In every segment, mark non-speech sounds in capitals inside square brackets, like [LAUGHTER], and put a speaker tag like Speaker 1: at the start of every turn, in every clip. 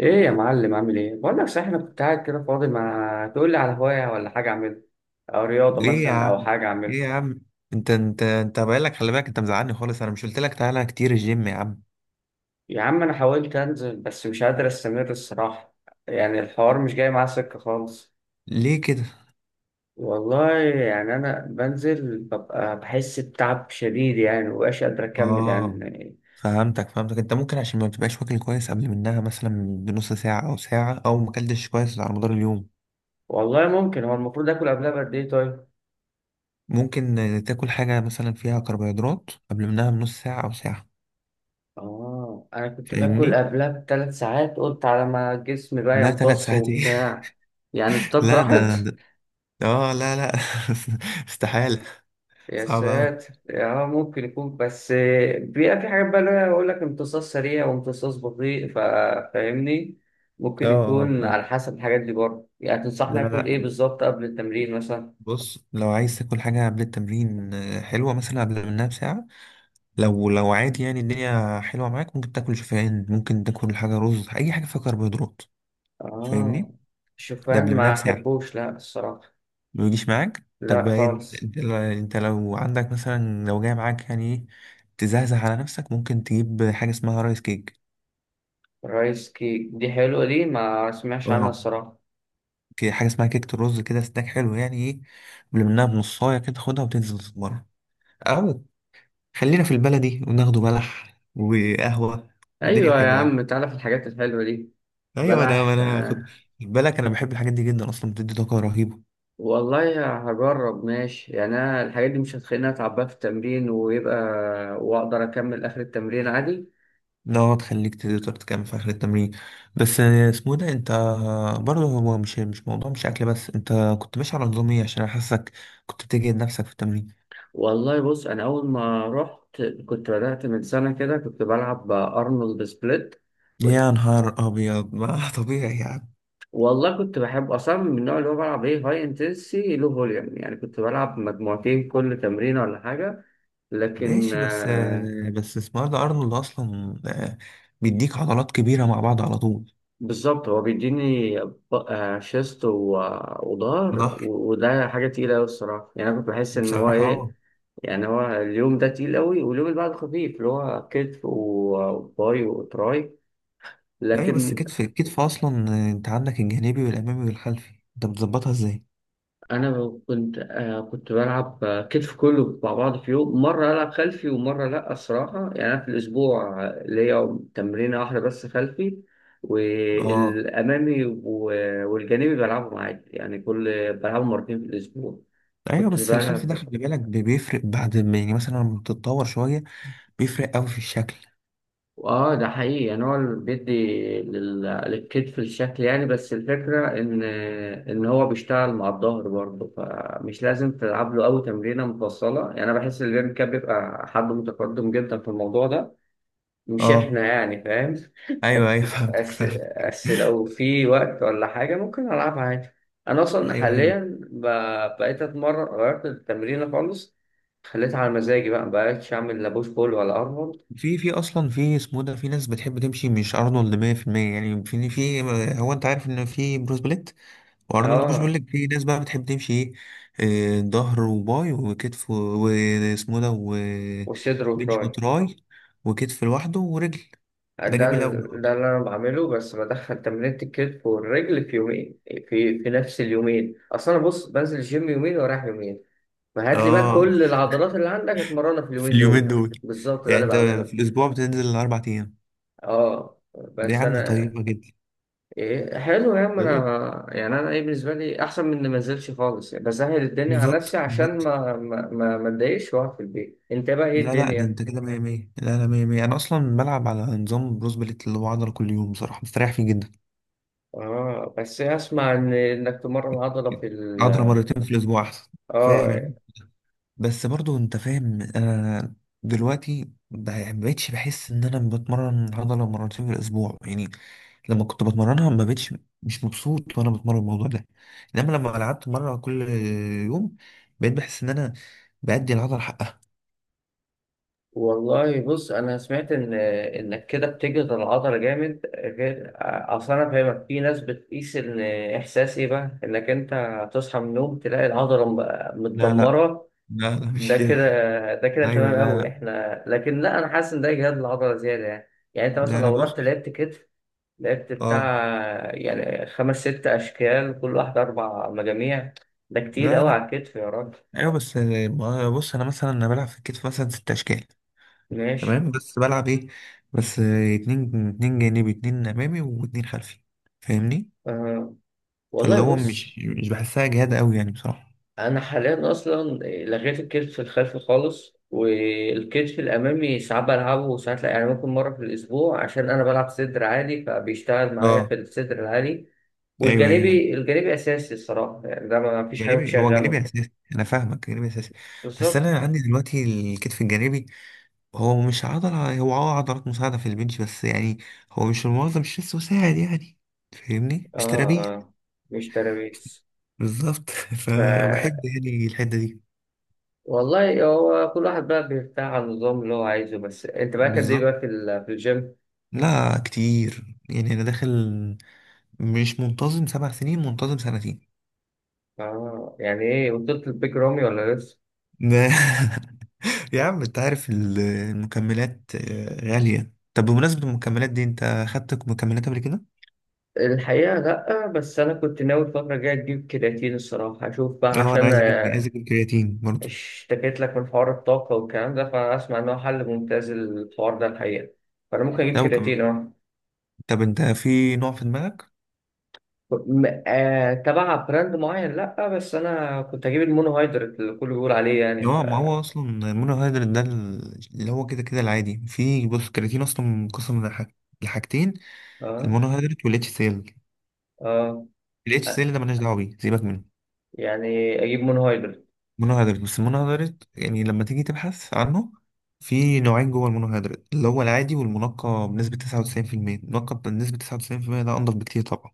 Speaker 1: ايه يا معلم، عامل ايه؟ بقول لك صحيح، انا كنت قاعد كده فاضي، ما تقول لي على هوايه ولا حاجه اعملها، او رياضه
Speaker 2: ليه يا
Speaker 1: مثلا او
Speaker 2: عم
Speaker 1: حاجه اعملها.
Speaker 2: ليه يا عم؟ انت بقالك، خلي بالك، انت مزعلني خالص. انا مش قلت لك تعالى كتير الجيم يا عم؟
Speaker 1: يا عم انا حاولت انزل بس مش قادر استمر الصراحه، يعني الحوار مش جاي معاه سكه خالص.
Speaker 2: ليه كده؟
Speaker 1: والله يعني انا بنزل ببقى بحس بتعب شديد، يعني مبقاش قادر اكمل
Speaker 2: اه،
Speaker 1: يعني.
Speaker 2: فهمتك. انت ممكن عشان ما بتبقاش واكل كويس قبل منها، مثلا بنص ساعة او ساعة، او ما اكلتش كويس على مدار اليوم.
Speaker 1: والله ممكن، هو المفروض اكل قبلها بقد ايه طيب؟
Speaker 2: ممكن، تاكل حاجة مثلا فيها كربوهيدرات قبل منها بنص ساعة او ساعة.
Speaker 1: اه، انا كنت باكل
Speaker 2: فاهمني.
Speaker 1: قبلها ب3 ساعات، قلت على ما جسمي بقى
Speaker 2: لا، ثلاث
Speaker 1: يمتص
Speaker 2: ساعات ايه؟
Speaker 1: وبتاع، يعني
Speaker 2: [LAUGHS]
Speaker 1: الطاقه
Speaker 2: لا، ده,
Speaker 1: راحت.
Speaker 2: ده اه، لا لا. [LAUGHS] استحالة.
Speaker 1: يا
Speaker 2: صعب اوي.
Speaker 1: ساتر. اه ممكن يكون، بس بيبقى في حاجات بقى اللي هي يقول لك امتصاص سريع وامتصاص بطيء، فاهمني.
Speaker 2: اه
Speaker 1: ممكن
Speaker 2: اه،
Speaker 1: يكون على
Speaker 2: فهمتك.
Speaker 1: حسب الحاجات دي برضه. يعني
Speaker 2: لا
Speaker 1: تنصحني اكل
Speaker 2: لا.
Speaker 1: ايه بالظبط قبل التمرين مثلا؟
Speaker 2: بص، لو عايز تاكل حاجة قبل التمرين، حلوة مثلا قبل منها بساعة. لو عادي، يعني الدنيا حلوة معاك، ممكن تاكل شوفان، ممكن تاكل حاجة رز، أي حاجة فيها كربوهيدرات.
Speaker 1: اه.
Speaker 2: فاهمني؟ ده
Speaker 1: شوفان
Speaker 2: قبل منها
Speaker 1: ما
Speaker 2: بساعة.
Speaker 1: احبوش لا الصراحة.
Speaker 2: ما يجيش معاك؟ طب
Speaker 1: لا
Speaker 2: انت
Speaker 1: خالص.
Speaker 2: انت انت لو عندك مثلا، لو جاي معاك يعني ايه، تزهزه على نفسك، ممكن تجيب حاجة اسمها رايس كيك.
Speaker 1: رايس كيك، دي حلوة، دي ما سمعش عنها
Speaker 2: اه،
Speaker 1: الصراحة.
Speaker 2: حاجة اسمها كيكة الرز كده، سناك حلو يعني ايه. قبل منها بنصاية كده، خدها وتنزل تتمرن. أو خلينا في البلدي وناخده بلح وقهوة. والدنيا
Speaker 1: ايوه يا
Speaker 2: حلوة يعني.
Speaker 1: عم، تعالى في الحاجات الحلوة دي.
Speaker 2: ايوه، انا
Speaker 1: بلح.
Speaker 2: انا خد بالك، انا بحب الحاجات دي جدا، اصلا بتدي طاقة رهيبة.
Speaker 1: والله هجرب ماشي، يعني انا الحاجات دي مش هتخليني اتعب بقى في التمرين ويبقى واقدر اكمل اخر التمرين عادي.
Speaker 2: انها تخليك تقدر تكمل في اخر التمرين. بس اسمه ده، انت برضه هو مش موضوع، مش اكل بس. انت كنت ماشي على نظام ايه؟ عشان انا حاسك كنت بتجهد نفسك في التمرين.
Speaker 1: والله بص، انا اول ما رحت كنت بدأت من سنة كده، كنت بلعب ارنولد سبليت. كنت
Speaker 2: يا نهار ابيض! [LAUGHS] ما طبيعي يعني.
Speaker 1: والله كنت بحب اصلا من النوع اللي هو بلعب ايه، هاي انتنسي لو فوليوم، يعني كنت بلعب مجموعتين كل تمرين ولا حاجة. لكن.
Speaker 2: ماشي، بس اسمه ده ارنولد اصلا، بيديك عضلات كبيرة مع بعض على طول.
Speaker 1: بالظبط، هو بيديني شيست
Speaker 2: في
Speaker 1: وظهر،
Speaker 2: ظهر،
Speaker 1: وده حاجة تقيلة أوي الصراحة، يعني أنا كنت بحس إن هو
Speaker 2: بصراحة. اه،
Speaker 1: إيه. يعني هو اليوم ده تقيل أوي، واليوم اللي بعده خفيف، اللي هو كتف وباي وتراي.
Speaker 2: ايوه، بس
Speaker 1: لكن.
Speaker 2: كتف كتف اصلا، انت عندك الجانبي والامامي والخلفي، انت بتظبطها ازاي؟
Speaker 1: أنا كنت بلعب كتف كله مع بعض في يوم، مرة ألعب خلفي ومرة لأ الصراحة. يعني أنا في الأسبوع ليا تمرينة واحدة بس خلفي،
Speaker 2: اه،
Speaker 1: والأمامي والجانبي بلعبهم عادي، يعني كل بلعبهم مرتين في الأسبوع.
Speaker 2: ايوه،
Speaker 1: كنت
Speaker 2: بس الخلفي
Speaker 1: بقى.
Speaker 2: ده خلي بالك، بيفرق بعد ما، يعني مثلا لما بتتطور شويه، بيفرق قوي في الشكل.
Speaker 1: اه ده حقيقي، يعني هو اللي بيدي للكتف الشكل يعني، بس الفكرة ان هو بيشتغل مع الظهر برضه، فمش لازم تلعب له قوي تمرينة مفصلة. يعني انا بحس ان الجيم كاب بيبقى حد متقدم جدا في الموضوع ده، مش
Speaker 2: اه،
Speaker 1: احنا يعني، فاهم؟ [LAUGHS]
Speaker 2: ايوه
Speaker 1: بس.
Speaker 2: ايوه. [LAUGHS] فهمتك
Speaker 1: بس
Speaker 2: فهمتك
Speaker 1: لو في وقت ولا حاجة ممكن ألعبها عادي. أنا أصلا
Speaker 2: ايوه ايوه.
Speaker 1: حاليا بقيت أتمرن، غيرت التمرين خالص، خليتها على مزاجي بقى، مبقتش أعمل لا بوش بول ولا أرنولد.
Speaker 2: في، في اصلا في اسمه ده، في ناس بتحب تمشي مش ارنولد 100%، يعني في هو. انت عارف ان في بروس بليت وارنولد بوش. بيقول
Speaker 1: اه،
Speaker 2: لك في ناس بقى بتحب تمشي ايه، ظهر وباي وكتف واسمه ده
Speaker 1: وصدر
Speaker 2: وبنش
Speaker 1: وتراي.
Speaker 2: وتراي وكتف لوحده ورجل. ده جميل قوي
Speaker 1: ده
Speaker 2: برضه.
Speaker 1: اللي انا بعمله، بس بدخل تمرينة الكتف والرجل في يومين، في نفس اليومين، اصل انا بص بنزل الجيم يومين ورايح يومين. فهات لي بقى
Speaker 2: اه،
Speaker 1: كل العضلات اللي عندك اتمرنها في
Speaker 2: في
Speaker 1: اليومين
Speaker 2: اليومين
Speaker 1: دول.
Speaker 2: دول.
Speaker 1: بالظبط ده
Speaker 2: يعني
Speaker 1: اللي
Speaker 2: انت في
Speaker 1: بعمله.
Speaker 2: الاسبوع بتنزل الاربع ايام؟
Speaker 1: اه
Speaker 2: ده يا
Speaker 1: بس
Speaker 2: عم
Speaker 1: انا.
Speaker 2: طيبه جدا.
Speaker 1: ايه حلو يا عم،
Speaker 2: طيب،
Speaker 1: انا يعني انا ايه بالنسبه لي احسن من إني ما انزلش خالص، يعني بسهل الدنيا على نفسي
Speaker 2: بالظبط
Speaker 1: عشان
Speaker 2: بالظبط.
Speaker 1: ما اتضايقش واقعد في البيت. انت بقى ايه
Speaker 2: لا لا، ده
Speaker 1: الدنيا؟
Speaker 2: انت كده 100 100، لا لا، 100 100. انا اصلا بلعب على نظام بروس بليت اللي هو عضله كل يوم، بصراحه مستريح فيه جدا.
Speaker 1: اه بس اسمع ان انك تمرن عضله في ال.
Speaker 2: عضله مرتين في الاسبوع احسن.
Speaker 1: اه
Speaker 2: فاهم. بس برضو انت فاهم، انا دلوقتي يعني ما بقتش بحس ان انا بتمرن عضله مرتين في الاسبوع يعني. لما كنت بتمرنها، ما بقتش مش مبسوط وانا بتمرن الموضوع ده. انما لما لعبت مره كل يوم، بقيت بحس ان انا بأدي العضله حقها.
Speaker 1: والله بص، انا سمعت ان انك كده بتجهد العضله جامد غير. اصل انا فاهمك، في ناس بتقيس ان احساس ايه بقى انك انت تصحى من النوم تلاقي العضله
Speaker 2: لا لا
Speaker 1: متدمره،
Speaker 2: لا لا، مش
Speaker 1: ده
Speaker 2: كده.
Speaker 1: كده. ده كده
Speaker 2: ايوه،
Speaker 1: تمام
Speaker 2: لا
Speaker 1: قوي
Speaker 2: لا
Speaker 1: احنا، لكن لا انا حاسس ان ده اجهاد العضله زياده يعني. يعني انت
Speaker 2: لا،
Speaker 1: مثلا
Speaker 2: انا
Speaker 1: لو رحت
Speaker 2: بص.
Speaker 1: لعبت كتف، لعبت بتاع
Speaker 2: اه،
Speaker 1: يعني خمس ست اشكال، كل واحده 4 مجاميع. ده كتير
Speaker 2: لا
Speaker 1: قوي
Speaker 2: لا.
Speaker 1: على الكتف يا راجل.
Speaker 2: ايوه، بس بص، انا مثلا انا بلعب في الكتف مثلا ست اشكال.
Speaker 1: ماشي.
Speaker 2: تمام، بس بلعب ايه؟ بس اتنين جانبي، اتنين امامي، واتنين خلفي. فاهمني؟
Speaker 1: أه
Speaker 2: فاللي
Speaker 1: والله
Speaker 2: هو
Speaker 1: بص،
Speaker 2: مش بحسها جهاد قوي يعني بصراحه.
Speaker 1: انا حاليا اصلا لغيت الكتف الخلفي خالص، والكتف الامامي ساعات بلعبه وساعات لا، يعني ممكن مره في الاسبوع عشان انا بلعب صدر عالي فبيشتغل معايا
Speaker 2: اه،
Speaker 1: في الصدر العالي.
Speaker 2: ايوه ايوه.
Speaker 1: والجانبي، الجانبي اساسي الصراحه، يعني ده ما فيش حاجه
Speaker 2: جانبي هو جانبي
Speaker 1: بتشغله.
Speaker 2: اساسي، انا فاهمك، جانبي اساسي. بس
Speaker 1: بالظبط.
Speaker 2: انا عندي دلوقتي الكتف الجانبي هو مش عضله، هو عضلات مساعده في البنش بس يعني. هو مش المنظم، مش لسه مساعد يعني. فاهمني، مش
Speaker 1: اه
Speaker 2: ترابيه.
Speaker 1: اه، مش ترابيز.
Speaker 2: بالظبط. [LAUGHS]
Speaker 1: ف
Speaker 2: فبحب يعني الحته دي.
Speaker 1: والله هو كل واحد بقى بيرتاح على النظام اللي هو عايزه. بس انت بقى كان ايه
Speaker 2: بالظبط.
Speaker 1: بقى في في الجيم؟
Speaker 2: لا، كتير، يعني انا داخل مش منتظم 7 سنين، منتظم سنتين.
Speaker 1: اه. يعني ايه، وصلت البيج رامي ولا؟
Speaker 2: ده. [LAUGHS] يا عم انت عارف المكملات، غالية. طب بمناسبة المكملات دي، انت خدت مكملات قبل كده؟
Speaker 1: الحقيقة لأ، بس أنا كنت ناوي الفترة الجاية أجيب كرياتين الصراحة، أشوف بقى
Speaker 2: اه، انا
Speaker 1: عشان
Speaker 2: عايز اجيب، عايز
Speaker 1: آه،
Speaker 2: اجيب كرياتين برضه.
Speaker 1: اشتكيت لك من حوار الطاقة والكلام ده، فأنا أسمع إن هو حل ممتاز الحوار ده الحقيقة، فأنا ممكن أجيب
Speaker 2: لو كم...
Speaker 1: كرياتين أه.
Speaker 2: طب انت في نوع في دماغك؟
Speaker 1: تبع براند معين لأ، بس أنا كنت أجيب المونو هيدرات اللي الكل بيقول عليه يعني ف...
Speaker 2: اه، ما هو اصلا المونوهيدرات ده اللي هو كده كده العادي. في، بص، الكرياتين اصلا منقسم لحاجتين،
Speaker 1: أه.
Speaker 2: المونوهيدرات والاتش سيل.
Speaker 1: أه.
Speaker 2: الاتش سيل ده ملناش دعوة بيه، سيبك منه.
Speaker 1: يعني أجيب مونو هيدرات.
Speaker 2: مونوهيدرات. بس المونوهيدرات يعني لما تيجي تبحث عنه، في نوعين جوه المونوهيدرات، اللي هو العادي والمنقى بنسبة 99%. المنقى بنسبة 99% ده أنضف بكتير طبعا.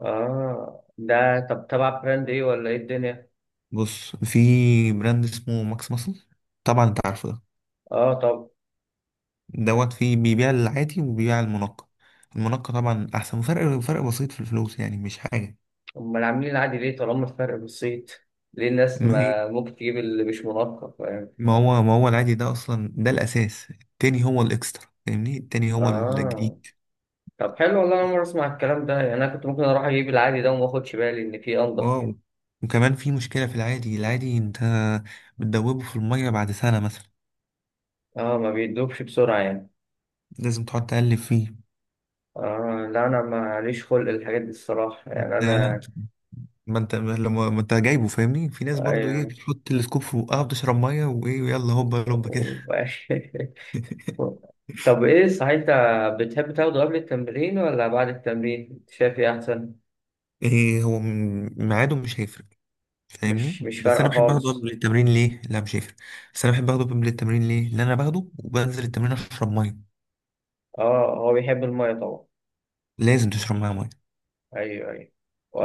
Speaker 1: أه، ده طب تبع براند إيه ولا إيه الدنيا؟
Speaker 2: بص، في براند اسمه ماكس ماسل، طبعا أنت عارفه ده،
Speaker 1: أه.
Speaker 2: دوت فيه بيبيع العادي وبيبيع المنقى. المنقى طبعا أحسن، وفرق، فرق بسيط في الفلوس، يعني مش حاجة.
Speaker 1: أمال عاملين العادي ليه طالما الفرق بسيط؟ ليه الناس
Speaker 2: ما هي،
Speaker 1: ما ممكن تجيب اللي مش منقط، فاهم؟
Speaker 2: ما هو، ما هو العادي ده أصلا، ده الأساس. التاني هو الإكسترا، فاهمني، التاني هو
Speaker 1: آه
Speaker 2: الجديد.
Speaker 1: طب حلو، والله أنا أول مرة أسمع الكلام ده، يعني أنا كنت ممكن أروح أجيب العادي ده وما أخدش بالي إن فيه أنضف.
Speaker 2: واو. وكمان في مشكلة في العادي. العادي انت بتدوبه في المية بعد سنة مثلا،
Speaker 1: آه، ما بيدوبش بسرعة يعني.
Speaker 2: لازم تقعد تقلب فيه.
Speaker 1: آه لا، أنا ماليش خلق الحاجات دي الصراحة يعني
Speaker 2: لا لا،
Speaker 1: أنا.
Speaker 2: ما انت جايبه، فاهمني. في ناس برضو ايه،
Speaker 1: أيوة.
Speaker 2: بتحط السكوب في بقها، بتشرب مية وايه ويلا، هوبا هوبا كده.
Speaker 1: [LAUGHS]
Speaker 2: [LAUGHS]
Speaker 1: طب إيه صحيح، أنت بتحب تاخده قبل التمرين ولا بعد التمرين؟ شايف إيه أحسن؟
Speaker 2: ايه، هو ميعاده مش هيفرق. فاهمني؟
Speaker 1: مش
Speaker 2: بس
Speaker 1: فارقة
Speaker 2: انا بحب اخده
Speaker 1: خالص.
Speaker 2: قبل التمرين. ليه؟ لا، مش هيفرق. بس انا بحب اخده قبل التمرين، ليه؟ لان انا باخده وبنزل التمرين اشرب ميه.
Speaker 1: آه، هو بيحب المية طبعا.
Speaker 2: لازم تشرب معاه ميه.
Speaker 1: ايوه ايوه.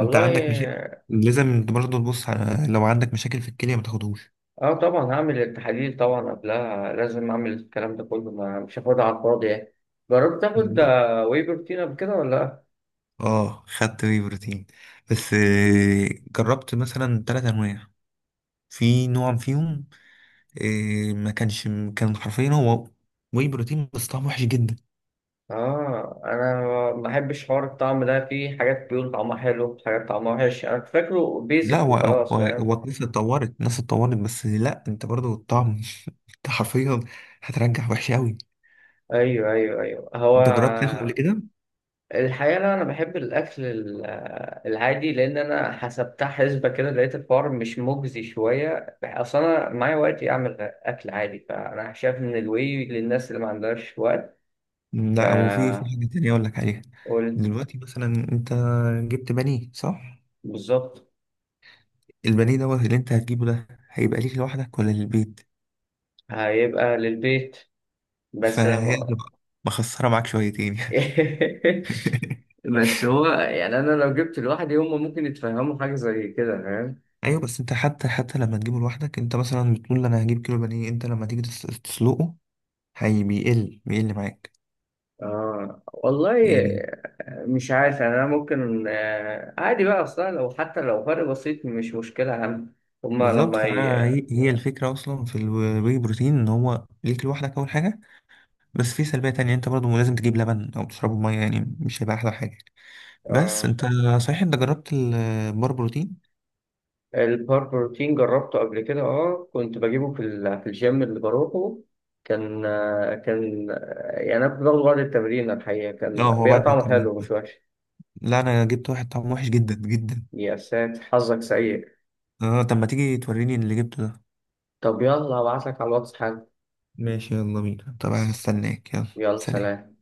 Speaker 2: انت عندك مشاكل؟ لازم انت برضه تبص. على لو عندك مشاكل في الكليه ما تاخدهوش.
Speaker 1: اه طبعا هعمل التحاليل طبعا قبلها، لازم اعمل الكلام ده كله، ما مش هاخدها على الفاضي يعني. جربت تاخد
Speaker 2: بالظبط.
Speaker 1: واي بروتين قبل كده ولا لا؟
Speaker 2: اه، خدت وي بروتين. بس، جربت مثلا تلات انواع. في نوع فيهم ما كانش كان حرفيا هو وي بروتين، بس طعمه وحش جدا.
Speaker 1: اه. انا ما بحبش حوار الطعم ده، في حاجات بيقول طعمها حلو، حاجات طعمها وحش، انا كنت فاكره
Speaker 2: لا،
Speaker 1: بيزك
Speaker 2: هو هو
Speaker 1: وخلاص، فاهم.
Speaker 2: هو الناس اتطورت، الناس اتطورت. بس لا، انت برضو الطعم. [LAUGHS] انت حرفيا هترجع وحش قوي.
Speaker 1: ايوه ايوه ايوه هو.
Speaker 2: انت جربت تاخد قبل كده؟
Speaker 1: الحقيقة لا، أنا بحب الأكل العادي، لأن أنا حسبتها حسبة كده لقيت الحوار مش مجزي شوية، أصل أنا معايا وقت أعمل أكل عادي، فأنا شايف إن الواي للناس اللي ما عندهاش وقت.
Speaker 2: لا. وفي،
Speaker 1: فقول.
Speaker 2: حاجه تانية اقول لك عليها. دلوقتي مثلا انت جبت بانيه، صح؟
Speaker 1: بالظبط.
Speaker 2: البانيه دوت اللي انت هتجيبه ده، هيبقى ليك لوحدك ولا للبيت؟
Speaker 1: هيبقى للبيت، بس
Speaker 2: فهي
Speaker 1: لو.
Speaker 2: تبقى مخسرة معاك شويتين يعني.
Speaker 1: [LAUGHS]
Speaker 2: [LAUGHS]
Speaker 1: بس هو يعني، أنا لو جبت لوحدي هما ممكن يتفهموا حاجة زي كده، فاهم.
Speaker 2: ايوه، بس انت حتى لما تجيبه لوحدك، انت مثلا بتقول انا هجيب كيلو بانيه، انت لما تيجي تسلقه هي بيقل، بيقل معاك
Speaker 1: آه والله.
Speaker 2: يعني.
Speaker 1: مش عارف يعني. أنا ممكن عادي بقى، أصلا لو حتى لو فرق بسيط مش مشكلة أهم. هما
Speaker 2: بالظبط.
Speaker 1: لما
Speaker 2: فانا، هي الفكره اصلا في الواي بروتين ان هو ليك لوحدك اول حاجه. بس في سلبيه تانية، انت برضه لازم تجيب لبن او تشربه ميه، يعني مش هيبقى احلى حاجه. بس
Speaker 1: آه.
Speaker 2: انت، صحيح، انت جربت البار بروتين؟
Speaker 1: البار بروتين جربته قبل كده، أه كنت بجيبه في في الجيم اللي بروحه، كان آه، يعني أنا كنت باخده بعد التمرين الحقيقة،
Speaker 2: اه.
Speaker 1: كان
Speaker 2: هو
Speaker 1: بيبقى
Speaker 2: بعد
Speaker 1: طعمه
Speaker 2: التمرين،
Speaker 1: حلو مش وحش.
Speaker 2: لا، انا جبت واحد طعمه وحش جدا جدا.
Speaker 1: يا ساتر، حظك سيء.
Speaker 2: اه، طب ما تيجي توريني اللي جبته ده.
Speaker 1: طب يلا أبعتلك على الواتس حالا.
Speaker 2: ماشي، يلا بينا طبعا، هستناك، يلا.
Speaker 1: يلا
Speaker 2: سلام.
Speaker 1: سلام.